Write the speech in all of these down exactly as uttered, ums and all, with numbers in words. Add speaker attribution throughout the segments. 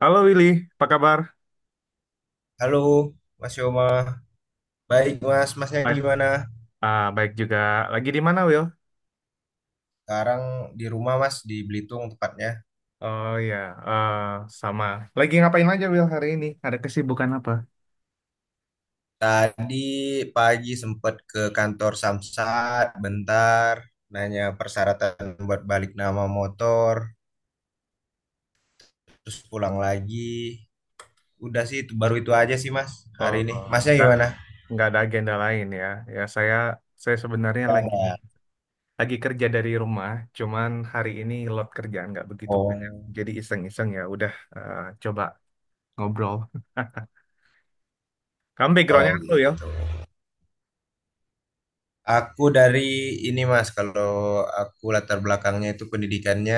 Speaker 1: Halo Willy, apa kabar?
Speaker 2: Halo, Mas Yoma. Baik, Mas. Masnya
Speaker 1: Baik.
Speaker 2: gimana?
Speaker 1: Ah, baik juga. Lagi di mana, Will?
Speaker 2: Sekarang di rumah, Mas, di Belitung tepatnya.
Speaker 1: Oh ya, eh, sama. Lagi ngapain aja, Will, hari ini? Ada kesibukan apa?
Speaker 2: Tadi pagi sempat ke kantor Samsat, bentar, nanya persyaratan buat balik nama motor, terus pulang lagi. Udah sih, itu- baru itu aja sih, Mas,
Speaker 1: Oh,
Speaker 2: hari ini.
Speaker 1: oh,
Speaker 2: Masnya
Speaker 1: nggak
Speaker 2: gimana?
Speaker 1: nggak ada agenda lain ya. Ya saya saya sebenarnya lagi lagi kerja dari rumah. Cuman hari ini load kerjaan nggak begitu banyak.
Speaker 2: Oh,
Speaker 1: Jadi iseng-iseng ya. Udah eh, coba ngobrol. Kamu backgroundnya
Speaker 2: oh
Speaker 1: apa, Will?
Speaker 2: gitu. Aku dari ini Mas, kalau aku latar belakangnya itu pendidikannya,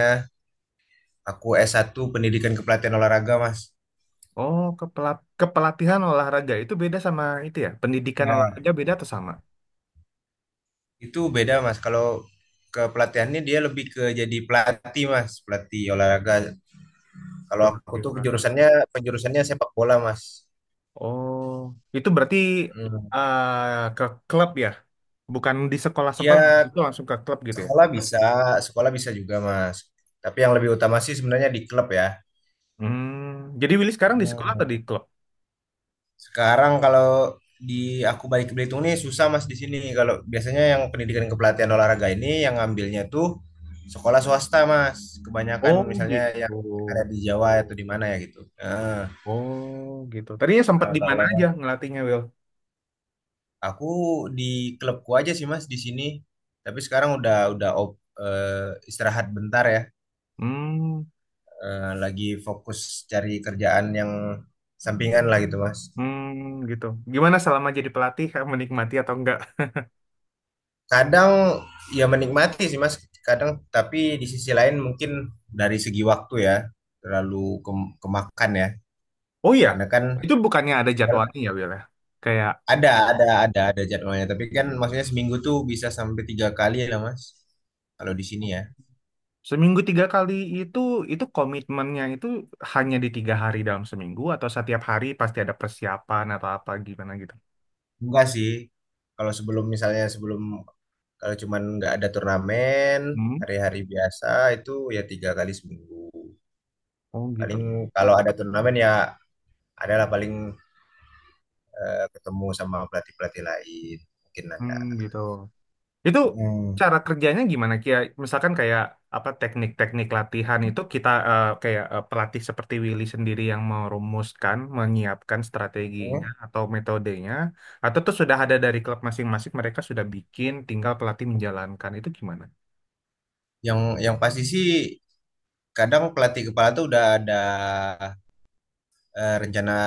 Speaker 2: aku S satu Pendidikan Kepelatihan Olahraga Mas.
Speaker 1: Oh, kepela- kepelatihan olahraga itu beda sama itu ya? Pendidikan
Speaker 2: Ya,
Speaker 1: olahraga beda atau sama?
Speaker 2: itu beda mas, kalau ke pelatihannya dia lebih ke jadi pelatih mas, pelatih olahraga. Kalau aku
Speaker 1: Oke.
Speaker 2: tuh penjurusannya penjurusannya sepak bola mas.
Speaker 1: Oh, itu berarti
Speaker 2: Hmm.
Speaker 1: eh, ke klub ya? Bukan di sekolah-sekolah,
Speaker 2: Ya
Speaker 1: itu langsung ke klub gitu ya?
Speaker 2: sekolah bisa, sekolah bisa juga mas. Tapi yang lebih utama sih sebenarnya di klub ya.
Speaker 1: Hmm, jadi Willy sekarang di sekolah atau
Speaker 2: Hmm.
Speaker 1: di klub?
Speaker 2: Sekarang kalau di aku balik ke Belitung nih susah mas di sini. Kalau biasanya yang pendidikan kepelatihan olahraga ini yang ngambilnya tuh sekolah swasta mas. Kebanyakan
Speaker 1: Oh
Speaker 2: misalnya
Speaker 1: gitu.
Speaker 2: yang ada di Jawa atau di mana ya gitu. Nah,
Speaker 1: Oh gitu. Tadinya sempat
Speaker 2: Nah,
Speaker 1: di mana
Speaker 2: kalau
Speaker 1: aja ngelatihnya Will?
Speaker 2: aku di klubku aja sih Mas di sini. Tapi sekarang udah udah op- eh, istirahat bentar ya.
Speaker 1: Hmm,
Speaker 2: Eh, lagi fokus cari kerjaan yang sampingan lah gitu Mas.
Speaker 1: hmm gitu. Gimana selama jadi pelatih, eh, menikmati atau enggak?
Speaker 2: Kadang ya menikmati sih Mas. Kadang tapi di sisi lain mungkin dari segi waktu ya terlalu kem- kemakan ya.
Speaker 1: Oh iya,
Speaker 2: Karena kan
Speaker 1: itu bukannya ada jadwalnya ya Will ya? Kayak
Speaker 2: ada ada ada ada jadwalnya. Tapi kan maksudnya seminggu tuh bisa sampai tiga kali lah Mas. Kalau di sini ya.
Speaker 1: seminggu tiga kali itu, itu komitmennya itu hanya di tiga hari dalam seminggu atau setiap hari pasti ada persiapan atau apa gimana gitu.
Speaker 2: Enggak sih. Kalau sebelum misalnya sebelum kalau cuman nggak ada turnamen
Speaker 1: Hmm?
Speaker 2: hari-hari biasa itu ya tiga kali seminggu.
Speaker 1: Oh gitu.
Speaker 2: Paling kalau ada turnamen ya adalah paling eh, ketemu sama pelatih-pelatih lain mungkin
Speaker 1: Hmm
Speaker 2: ada.
Speaker 1: gitu. Itu
Speaker 2: Hmm.
Speaker 1: cara kerjanya gimana Kia? Misalkan kayak apa teknik-teknik latihan itu kita eh, kayak eh, pelatih seperti Willy sendiri yang merumuskan, menyiapkan
Speaker 2: Hmm.
Speaker 1: strateginya atau metodenya, atau itu sudah ada dari klub masing-masing mereka sudah bikin tinggal pelatih menjalankan itu gimana?
Speaker 2: Yang yang pasti sih kadang pelatih kepala tuh udah ada eh, rencana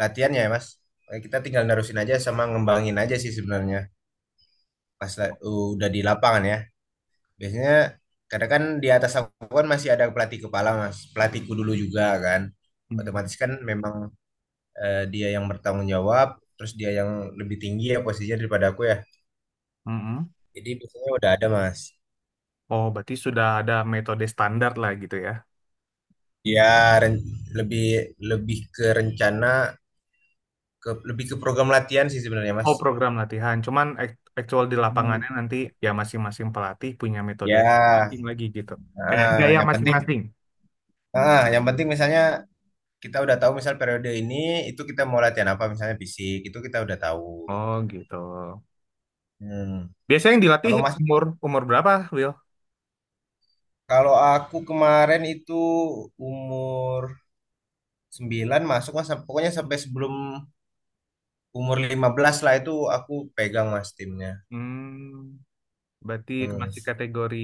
Speaker 2: latihannya ya Mas. Eh, Kita tinggal nerusin aja sama ngembangin aja sih sebenarnya pas la- udah di lapangan ya. Biasanya kadang kan di atas aku kan masih ada pelatih kepala mas, pelatihku dulu juga kan.
Speaker 1: Hmm.
Speaker 2: Otomatis kan memang eh, dia yang bertanggung jawab, terus dia yang lebih tinggi ya posisinya daripada aku ya.
Speaker 1: Mm-mm.
Speaker 2: Jadi biasanya udah ada mas.
Speaker 1: Oh, berarti sudah ada metode standar lah gitu ya.
Speaker 2: Ya ren- lebih lebih ke rencana, ke lebih ke program latihan sih sebenarnya mas.
Speaker 1: Oh, program latihan. Cuman act- actual di
Speaker 2: Hmm.
Speaker 1: lapangannya nanti ya masing-masing pelatih punya metode
Speaker 2: Ya,
Speaker 1: masing lagi gitu. Kayak
Speaker 2: ah,
Speaker 1: gaya
Speaker 2: yang penting,
Speaker 1: masing-masing.
Speaker 2: ah, yang penting misalnya kita udah tahu misal periode ini itu kita mau latihan apa misalnya fisik itu kita udah tahu.
Speaker 1: Oh, gitu.
Speaker 2: Hmm.
Speaker 1: Biasanya yang dilatih
Speaker 2: Kalau Mas
Speaker 1: umur umur berapa, Will?
Speaker 2: Kalau aku kemarin itu umur sembilan masuk mas, pokoknya sampai sebelum umur lima belas lah itu aku pegang mas timnya.
Speaker 1: Hmm, berarti
Speaker 2: Hmm.
Speaker 1: masih kategori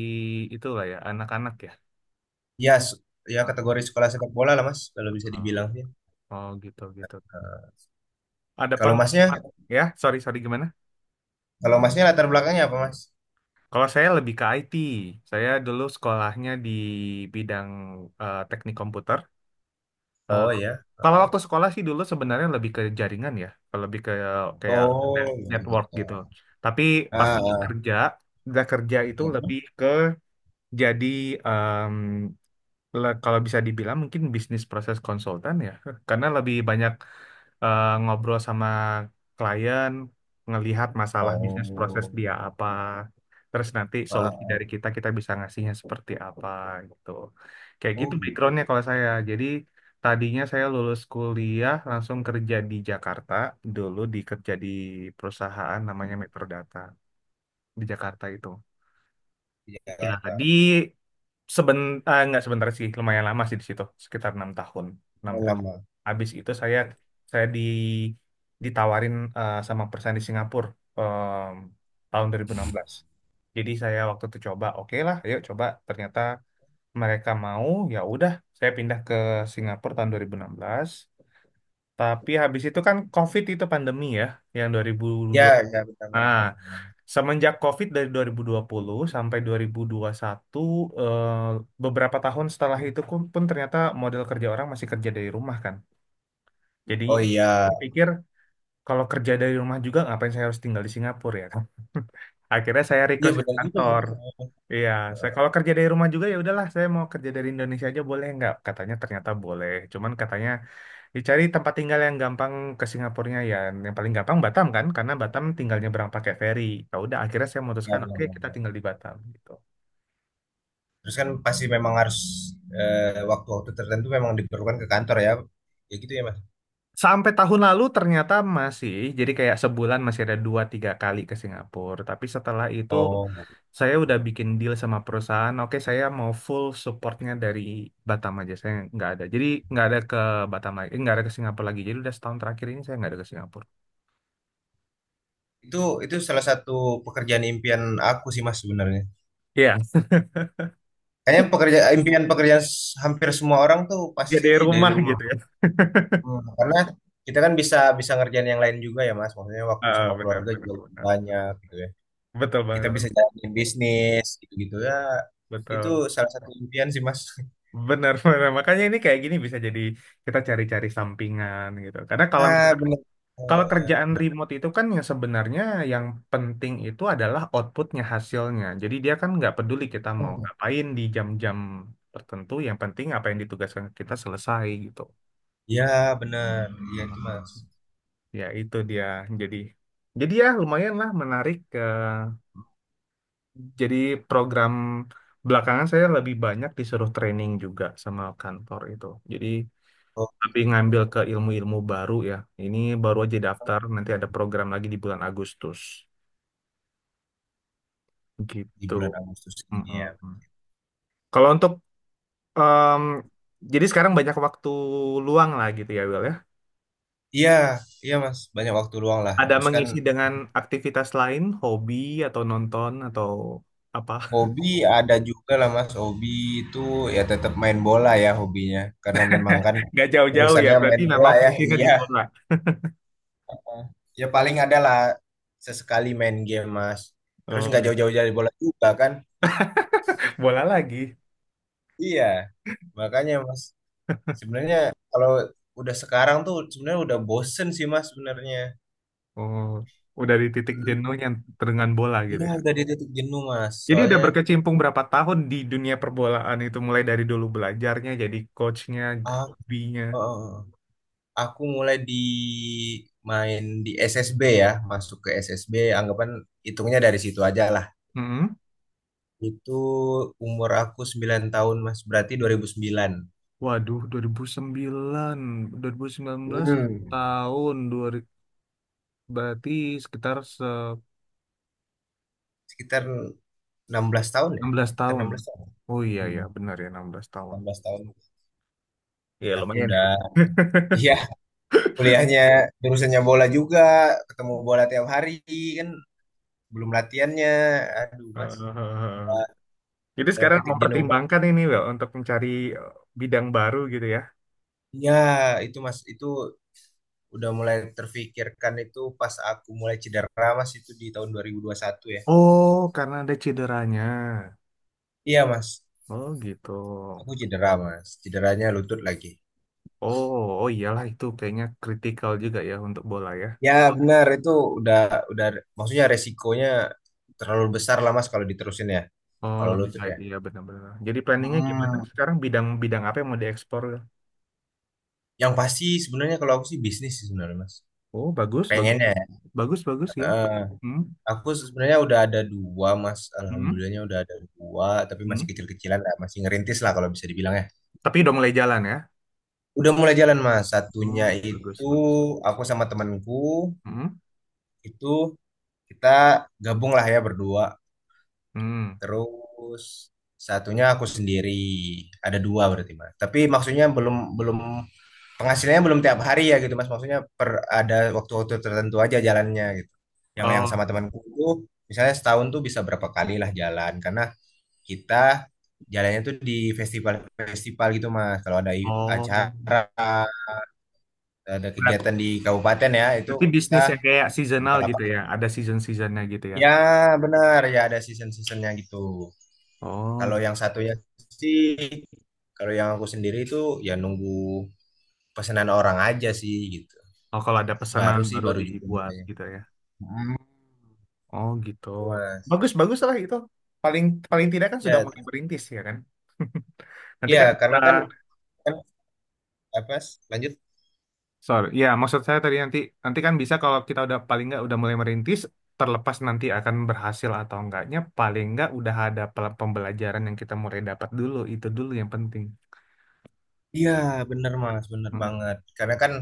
Speaker 1: itulah ya, anak-anak ya.
Speaker 2: Ya, s- ya
Speaker 1: Ah,
Speaker 2: kategori sekolah sepak bola lah mas, kalau bisa
Speaker 1: oh,
Speaker 2: dibilang sih.
Speaker 1: oh, gitu gitu. Ada
Speaker 2: Kalau masnya,
Speaker 1: pengalaman ya? Sorry sorry gimana?
Speaker 2: kalau masnya latar belakangnya apa mas?
Speaker 1: Kalau saya lebih ke I T. Saya dulu sekolahnya di bidang eh, teknik komputer. Eh,
Speaker 2: Oh ya.
Speaker 1: kalau waktu sekolah sih dulu sebenarnya lebih ke jaringan ya, kalau lebih ke kayak
Speaker 2: Oh,
Speaker 1: network
Speaker 2: gitu.
Speaker 1: gitu. Tapi pas
Speaker 2: Ah,
Speaker 1: udah
Speaker 2: ah,
Speaker 1: kerja, udah kerja itu
Speaker 2: hmm.
Speaker 1: lebih ke jadi em, le- kalau bisa dibilang mungkin bisnis proses konsultan ya, karena lebih banyak eh, ngobrol sama klien, ngelihat masalah bisnis proses
Speaker 2: Oh,
Speaker 1: dia apa, terus nanti
Speaker 2: ah,
Speaker 1: solusi dari
Speaker 2: ah.
Speaker 1: kita kita bisa ngasihnya seperti apa gitu. Kayak gitu
Speaker 2: Oh gitu.
Speaker 1: backgroundnya kalau saya. Jadi tadinya saya lulus kuliah langsung kerja di Jakarta, dulu dikerja di perusahaan namanya
Speaker 2: Hmm.
Speaker 1: Metro Data di Jakarta itu.
Speaker 2: Di Jakarta.
Speaker 1: Jadi Seben, eh, nggak sebentar sih, lumayan lama sih di situ, sekitar enam tahun, enam tahun.
Speaker 2: Lama.
Speaker 1: Habis itu saya saya di ditawarin eh, sama perusahaan di Singapura em, tahun dua ribu enam belas. Jadi saya waktu itu coba, oke lah, ayo coba. Ternyata mereka mau, ya udah, saya pindah ke Singapura tahun dua ribu enam belas. Tapi habis itu kan COVID itu pandemi ya, yang
Speaker 2: Ya,
Speaker 1: dua ribu dua puluh.
Speaker 2: ya benar-benar.
Speaker 1: Semenjak COVID dari dua ribu dua puluh sampai dua ribu dua puluh satu, eh, beberapa tahun setelah itu pun pun ternyata model kerja orang masih kerja dari rumah kan. Jadi
Speaker 2: Oh iya,
Speaker 1: pikir kalau kerja dari rumah juga ngapain saya harus tinggal di Singapura ya kan. Akhirnya saya
Speaker 2: iya
Speaker 1: request ke
Speaker 2: benar juga sih
Speaker 1: kantor.
Speaker 2: mas.
Speaker 1: Iya, saya kalau kerja dari rumah juga ya udahlah, saya mau kerja dari Indonesia aja boleh nggak? Katanya ternyata boleh. Cuman katanya dicari tempat tinggal yang gampang ke Singapurnya ya. Yang paling gampang Batam kan, karena Batam tinggal nyebrang pakai feri. Ya udah akhirnya saya
Speaker 2: Ya,
Speaker 1: memutuskan
Speaker 2: benar,
Speaker 1: oke kita
Speaker 2: benar.
Speaker 1: tinggal di Batam gitu.
Speaker 2: Terus kan pasti memang harus eh, waktu-waktu tertentu memang diperlukan ke kantor ya. Ya gitu ya, Mas.
Speaker 1: Sampai tahun lalu ternyata masih, jadi kayak sebulan masih ada dua tiga kali ke Singapura. Tapi setelah itu
Speaker 2: Oh.
Speaker 1: saya udah bikin deal sama perusahaan, oke saya mau full supportnya dari Batam aja, saya nggak ada. Jadi nggak ada ke Batam lagi, eh, nggak ada ke Singapura lagi. Jadi udah setahun terakhir ini saya nggak ada ke Singapura.
Speaker 2: Itu itu salah satu pekerjaan impian aku sih, Mas sebenarnya.
Speaker 1: Iya,
Speaker 2: Kayaknya pekerja impian pekerjaan s- hampir semua orang tuh pasti
Speaker 1: jadi
Speaker 2: dari
Speaker 1: rumah
Speaker 2: rumah.
Speaker 1: gitu ya.
Speaker 2: Hmm, Karena kita kan bisa bisa ngerjain yang lain juga ya, Mas. Maksudnya waktu
Speaker 1: Ah,
Speaker 2: sama
Speaker 1: benar,
Speaker 2: keluarga
Speaker 1: benar,
Speaker 2: juga lebih
Speaker 1: benar.
Speaker 2: banyak gitu ya.
Speaker 1: Betul
Speaker 2: Kita bisa
Speaker 1: banget,
Speaker 2: jalanin bisnis gitu-gitu ya. Itu
Speaker 1: betul.
Speaker 2: salah satu impian sih, Mas.
Speaker 1: Benar, benar. Makanya ini kayak gini bisa jadi kita cari-cari sampingan gitu. Karena kalau
Speaker 2: Ah,
Speaker 1: misalkan-
Speaker 2: benar.
Speaker 1: kalau
Speaker 2: Eh,
Speaker 1: kerjaan
Speaker 2: Benar.
Speaker 1: remote itu kan yang sebenarnya yang penting itu adalah outputnya, hasilnya. Jadi dia kan nggak peduli kita mau ngapain di jam-jam tertentu, yang penting apa yang ditugaskan kita selesai gitu.
Speaker 2: Ya, benar. Iya itu
Speaker 1: Mhm.
Speaker 2: Mas.
Speaker 1: Ya itu dia. Jadi, jadi ya lumayan lah menarik. eh, jadi program belakangan saya lebih banyak disuruh training juga sama kantor itu. Jadi
Speaker 2: Oh,
Speaker 1: lebih
Speaker 2: gitu.
Speaker 1: ngambil ke ilmu-ilmu baru ya. Ini baru aja daftar, nanti ada program lagi di bulan Agustus.
Speaker 2: Di
Speaker 1: Gitu.
Speaker 2: bulan Agustus ini
Speaker 1: Mm-mm.
Speaker 2: ya.
Speaker 1: Kalau untuk em, jadi sekarang banyak waktu luang lah gitu ya, Will ya.
Speaker 2: Iya, iya Mas, banyak waktu luang lah.
Speaker 1: Ada
Speaker 2: Terus kan
Speaker 1: mengisi dengan aktivitas lain, hobi atau nonton atau apa?
Speaker 2: hobi ada juga lah Mas. Hobi itu ya tetap main bola ya hobinya. Karena memang kan
Speaker 1: Nggak jauh-jauh ya,
Speaker 2: urusannya
Speaker 1: berarti
Speaker 2: main bola
Speaker 1: memang
Speaker 2: ya.
Speaker 1: finishingnya di
Speaker 2: Iya.
Speaker 1: bola.
Speaker 2: Heeh. Ya paling ada lah sesekali main game Mas. Terus
Speaker 1: Oh
Speaker 2: nggak
Speaker 1: gitu.
Speaker 2: jauh-jauh dari bola juga kan?
Speaker 1: Bola lagi.
Speaker 2: Iya. Makanya Mas, sebenarnya kalau udah sekarang tuh sebenarnya udah bosen sih Mas sebenarnya.
Speaker 1: Oh, udah di titik jenuhnya dengan bola gitu
Speaker 2: Iya,
Speaker 1: ya.
Speaker 2: tadi titik jenuh mas.
Speaker 1: Jadi udah
Speaker 2: Soalnya
Speaker 1: berkecimpung berapa tahun di dunia perbolaan itu mulai dari dulu belajarnya jadi coachnya,
Speaker 2: ah,
Speaker 1: hobinya.
Speaker 2: eh, aku mulai di main di S S B ya, masuk ke S S B. Anggapan hitungnya dari situ aja lah.
Speaker 1: Hmm.
Speaker 2: Itu umur aku sembilan tahun mas, berarti dua ribu sembilan.
Speaker 1: Waduh, dua ribu sembilan, dua ribu sembilan belas
Speaker 2: Hmm.
Speaker 1: tahun dua berarti sekitar se
Speaker 2: Sekitar enam belas tahun ya,
Speaker 1: enam belas
Speaker 2: sekitar
Speaker 1: tahun.
Speaker 2: enam belas tahun.
Speaker 1: Oh iya ya,
Speaker 2: Hmm.
Speaker 1: benar ya enam belas tahun.
Speaker 2: enam belas tahun
Speaker 1: Iya
Speaker 2: aku
Speaker 1: lumayan ya.
Speaker 2: udah, iya kuliahnya jurusannya bola juga, ketemu bola tiap hari kan, belum latihannya, aduh mas.
Speaker 1: Hahaha.
Speaker 2: Udah-
Speaker 1: Jadi
Speaker 2: udah
Speaker 1: sekarang
Speaker 2: titik jenuh.
Speaker 1: mempertimbangkan ini Wel, untuk mencari eh, bidang baru gitu ya.
Speaker 2: Ya, itu Mas, itu udah mulai terfikirkan itu pas aku mulai cedera Mas itu di tahun dua ribu dua puluh satu ya.
Speaker 1: Oh, karena ada cederanya.
Speaker 2: Iya Mas,
Speaker 1: Oh gitu.
Speaker 2: aku cedera Mas, cederanya lutut lagi.
Speaker 1: Oh, oh iyalah itu kayaknya kritikal juga ya untuk bola ya.
Speaker 2: Ya benar itu udah udah maksudnya resikonya terlalu besar lah Mas kalau diterusin ya.
Speaker 1: Oh,
Speaker 2: Kalau
Speaker 1: lebih
Speaker 2: lutut
Speaker 1: baik
Speaker 2: ya.
Speaker 1: iya benar-benar. Jadi planningnya gimana
Speaker 2: Mm-mm.
Speaker 1: sekarang bidang-bidang apa yang mau diekspor?
Speaker 2: Yang pasti sebenarnya kalau aku sih bisnis sih sebenarnya Mas.
Speaker 1: Oh, bagus, bagus,
Speaker 2: Pengennya ya.
Speaker 1: bagus, bagus ya.
Speaker 2: Eh,
Speaker 1: Hmm,
Speaker 2: aku sebenarnya udah ada dua Mas,
Speaker 1: hmm,
Speaker 2: alhamdulillahnya udah ada dua tapi masih
Speaker 1: hmm.
Speaker 2: kecil-kecilan lah, masih ngerintis lah kalau bisa dibilang ya.
Speaker 1: Tapi udah mulai jalan ya.
Speaker 2: Udah mulai jalan Mas. Satunya
Speaker 1: Oh, bagus,
Speaker 2: itu
Speaker 1: bagus.
Speaker 2: aku sama temanku
Speaker 1: Hmm,
Speaker 2: itu kita gabung lah ya berdua.
Speaker 1: hmm.
Speaker 2: Terus satunya aku sendiri. Ada dua berarti Mas. Tapi maksudnya belum belum penghasilannya belum tiap hari ya gitu Mas. Maksudnya per ada waktu-waktu tertentu aja jalannya gitu. Yang yang
Speaker 1: Oh,
Speaker 2: sama temanku itu misalnya setahun tuh bisa berapa kali lah jalan karena kita jalannya tuh di festival-festival gitu Mas. Kalau ada i-
Speaker 1: oh,
Speaker 2: acara ada
Speaker 1: berat ya.
Speaker 2: kegiatan di kabupaten ya itu
Speaker 1: Berarti
Speaker 2: kita
Speaker 1: bisnis yang kayak seasonal
Speaker 2: buka lapak
Speaker 1: gitu ya. Ada season-seasonnya gitu ya.
Speaker 2: ya benar ya ada season-seasonnya gitu
Speaker 1: Oh,
Speaker 2: kalau yang satunya sih kalau yang aku sendiri itu ya nunggu pesanan orang aja sih gitu
Speaker 1: oh kalau ada pesanan
Speaker 2: baru sih
Speaker 1: baru
Speaker 2: baru juga
Speaker 1: dibuat
Speaker 2: mulai.
Speaker 1: gitu ya.
Speaker 2: Hmm,
Speaker 1: Oh gitu.
Speaker 2: gitu, mas
Speaker 1: Bagus bagus lah itu. Paling paling tidak kan sudah
Speaker 2: ya t-
Speaker 1: mulai merintis ya kan. Nanti
Speaker 2: ya
Speaker 1: kan kita
Speaker 2: karena kan kan apa Mas? Lanjut
Speaker 1: Sorry. Ya, maksud saya tadi nanti nanti kan bisa kalau kita udah paling nggak udah mulai merintis, terlepas nanti akan berhasil atau enggaknya, paling nggak udah ada pel- pembelajaran yang kita mulai dapat dulu. Itu dulu yang penting.
Speaker 2: iya benar mas benar
Speaker 1: Mm.
Speaker 2: banget karena kan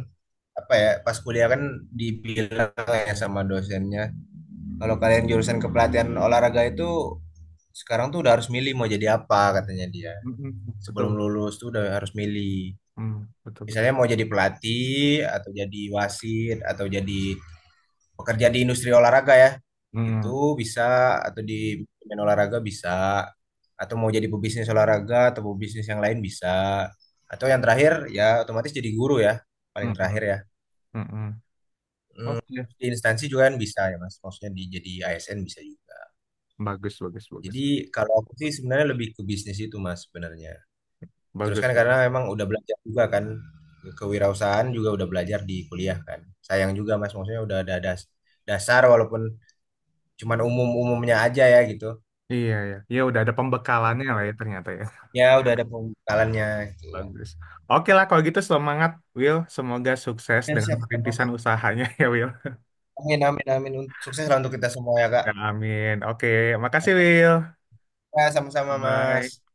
Speaker 2: apa ya pas kuliah kan dibilang ya sama dosennya kalau kalian jurusan kepelatihan olahraga itu sekarang tuh udah harus milih mau jadi apa katanya dia.
Speaker 1: Mm-mm.
Speaker 2: Sebelum
Speaker 1: Betul.
Speaker 2: lulus tuh udah harus milih.
Speaker 1: Mm. Betul betul.
Speaker 2: Misalnya mau jadi pelatih atau jadi wasit atau jadi pekerja di industri olahraga ya.
Speaker 1: Mm.
Speaker 2: Itu bisa atau di manajemen olahraga bisa atau mau jadi pebisnis olahraga atau pebisnis yang lain bisa. Atau yang terakhir ya otomatis jadi guru ya, paling
Speaker 1: Mm-mm.
Speaker 2: terakhir ya.
Speaker 1: Mm-mm.
Speaker 2: Hmm,
Speaker 1: Oke.
Speaker 2: di instansi juga kan bisa ya Mas. Maksudnya di jadi A S N bisa juga.
Speaker 1: Bagus bagus
Speaker 2: Jadi
Speaker 1: bagus.
Speaker 2: kalau aku sih sebenarnya lebih ke bisnis itu Mas sebenarnya. Terus kan
Speaker 1: Bagus
Speaker 2: karena
Speaker 1: bagus.
Speaker 2: memang udah belajar juga kan kewirausahaan juga udah belajar di kuliah kan. Sayang juga Mas maksudnya udah ada das- dasar walaupun cuman umum-umumnya aja ya gitu.
Speaker 1: Iya ya. Ya udah ada pembekalannya lah ya ternyata ya.
Speaker 2: Ya udah ada pembekalannya gitu.
Speaker 1: Bagus. Oke lah kalau gitu semangat Will. Semoga sukses
Speaker 2: Ya
Speaker 1: dengan
Speaker 2: siap-siap
Speaker 1: perintisan
Speaker 2: Mas.
Speaker 1: usahanya ya Will.
Speaker 2: Amin amin amin. Sukses lah untuk kita semua ya Kak.
Speaker 1: Ya amin. Oke, makasih Will.
Speaker 2: Ya sama-sama
Speaker 1: Bye-bye.
Speaker 2: Mas.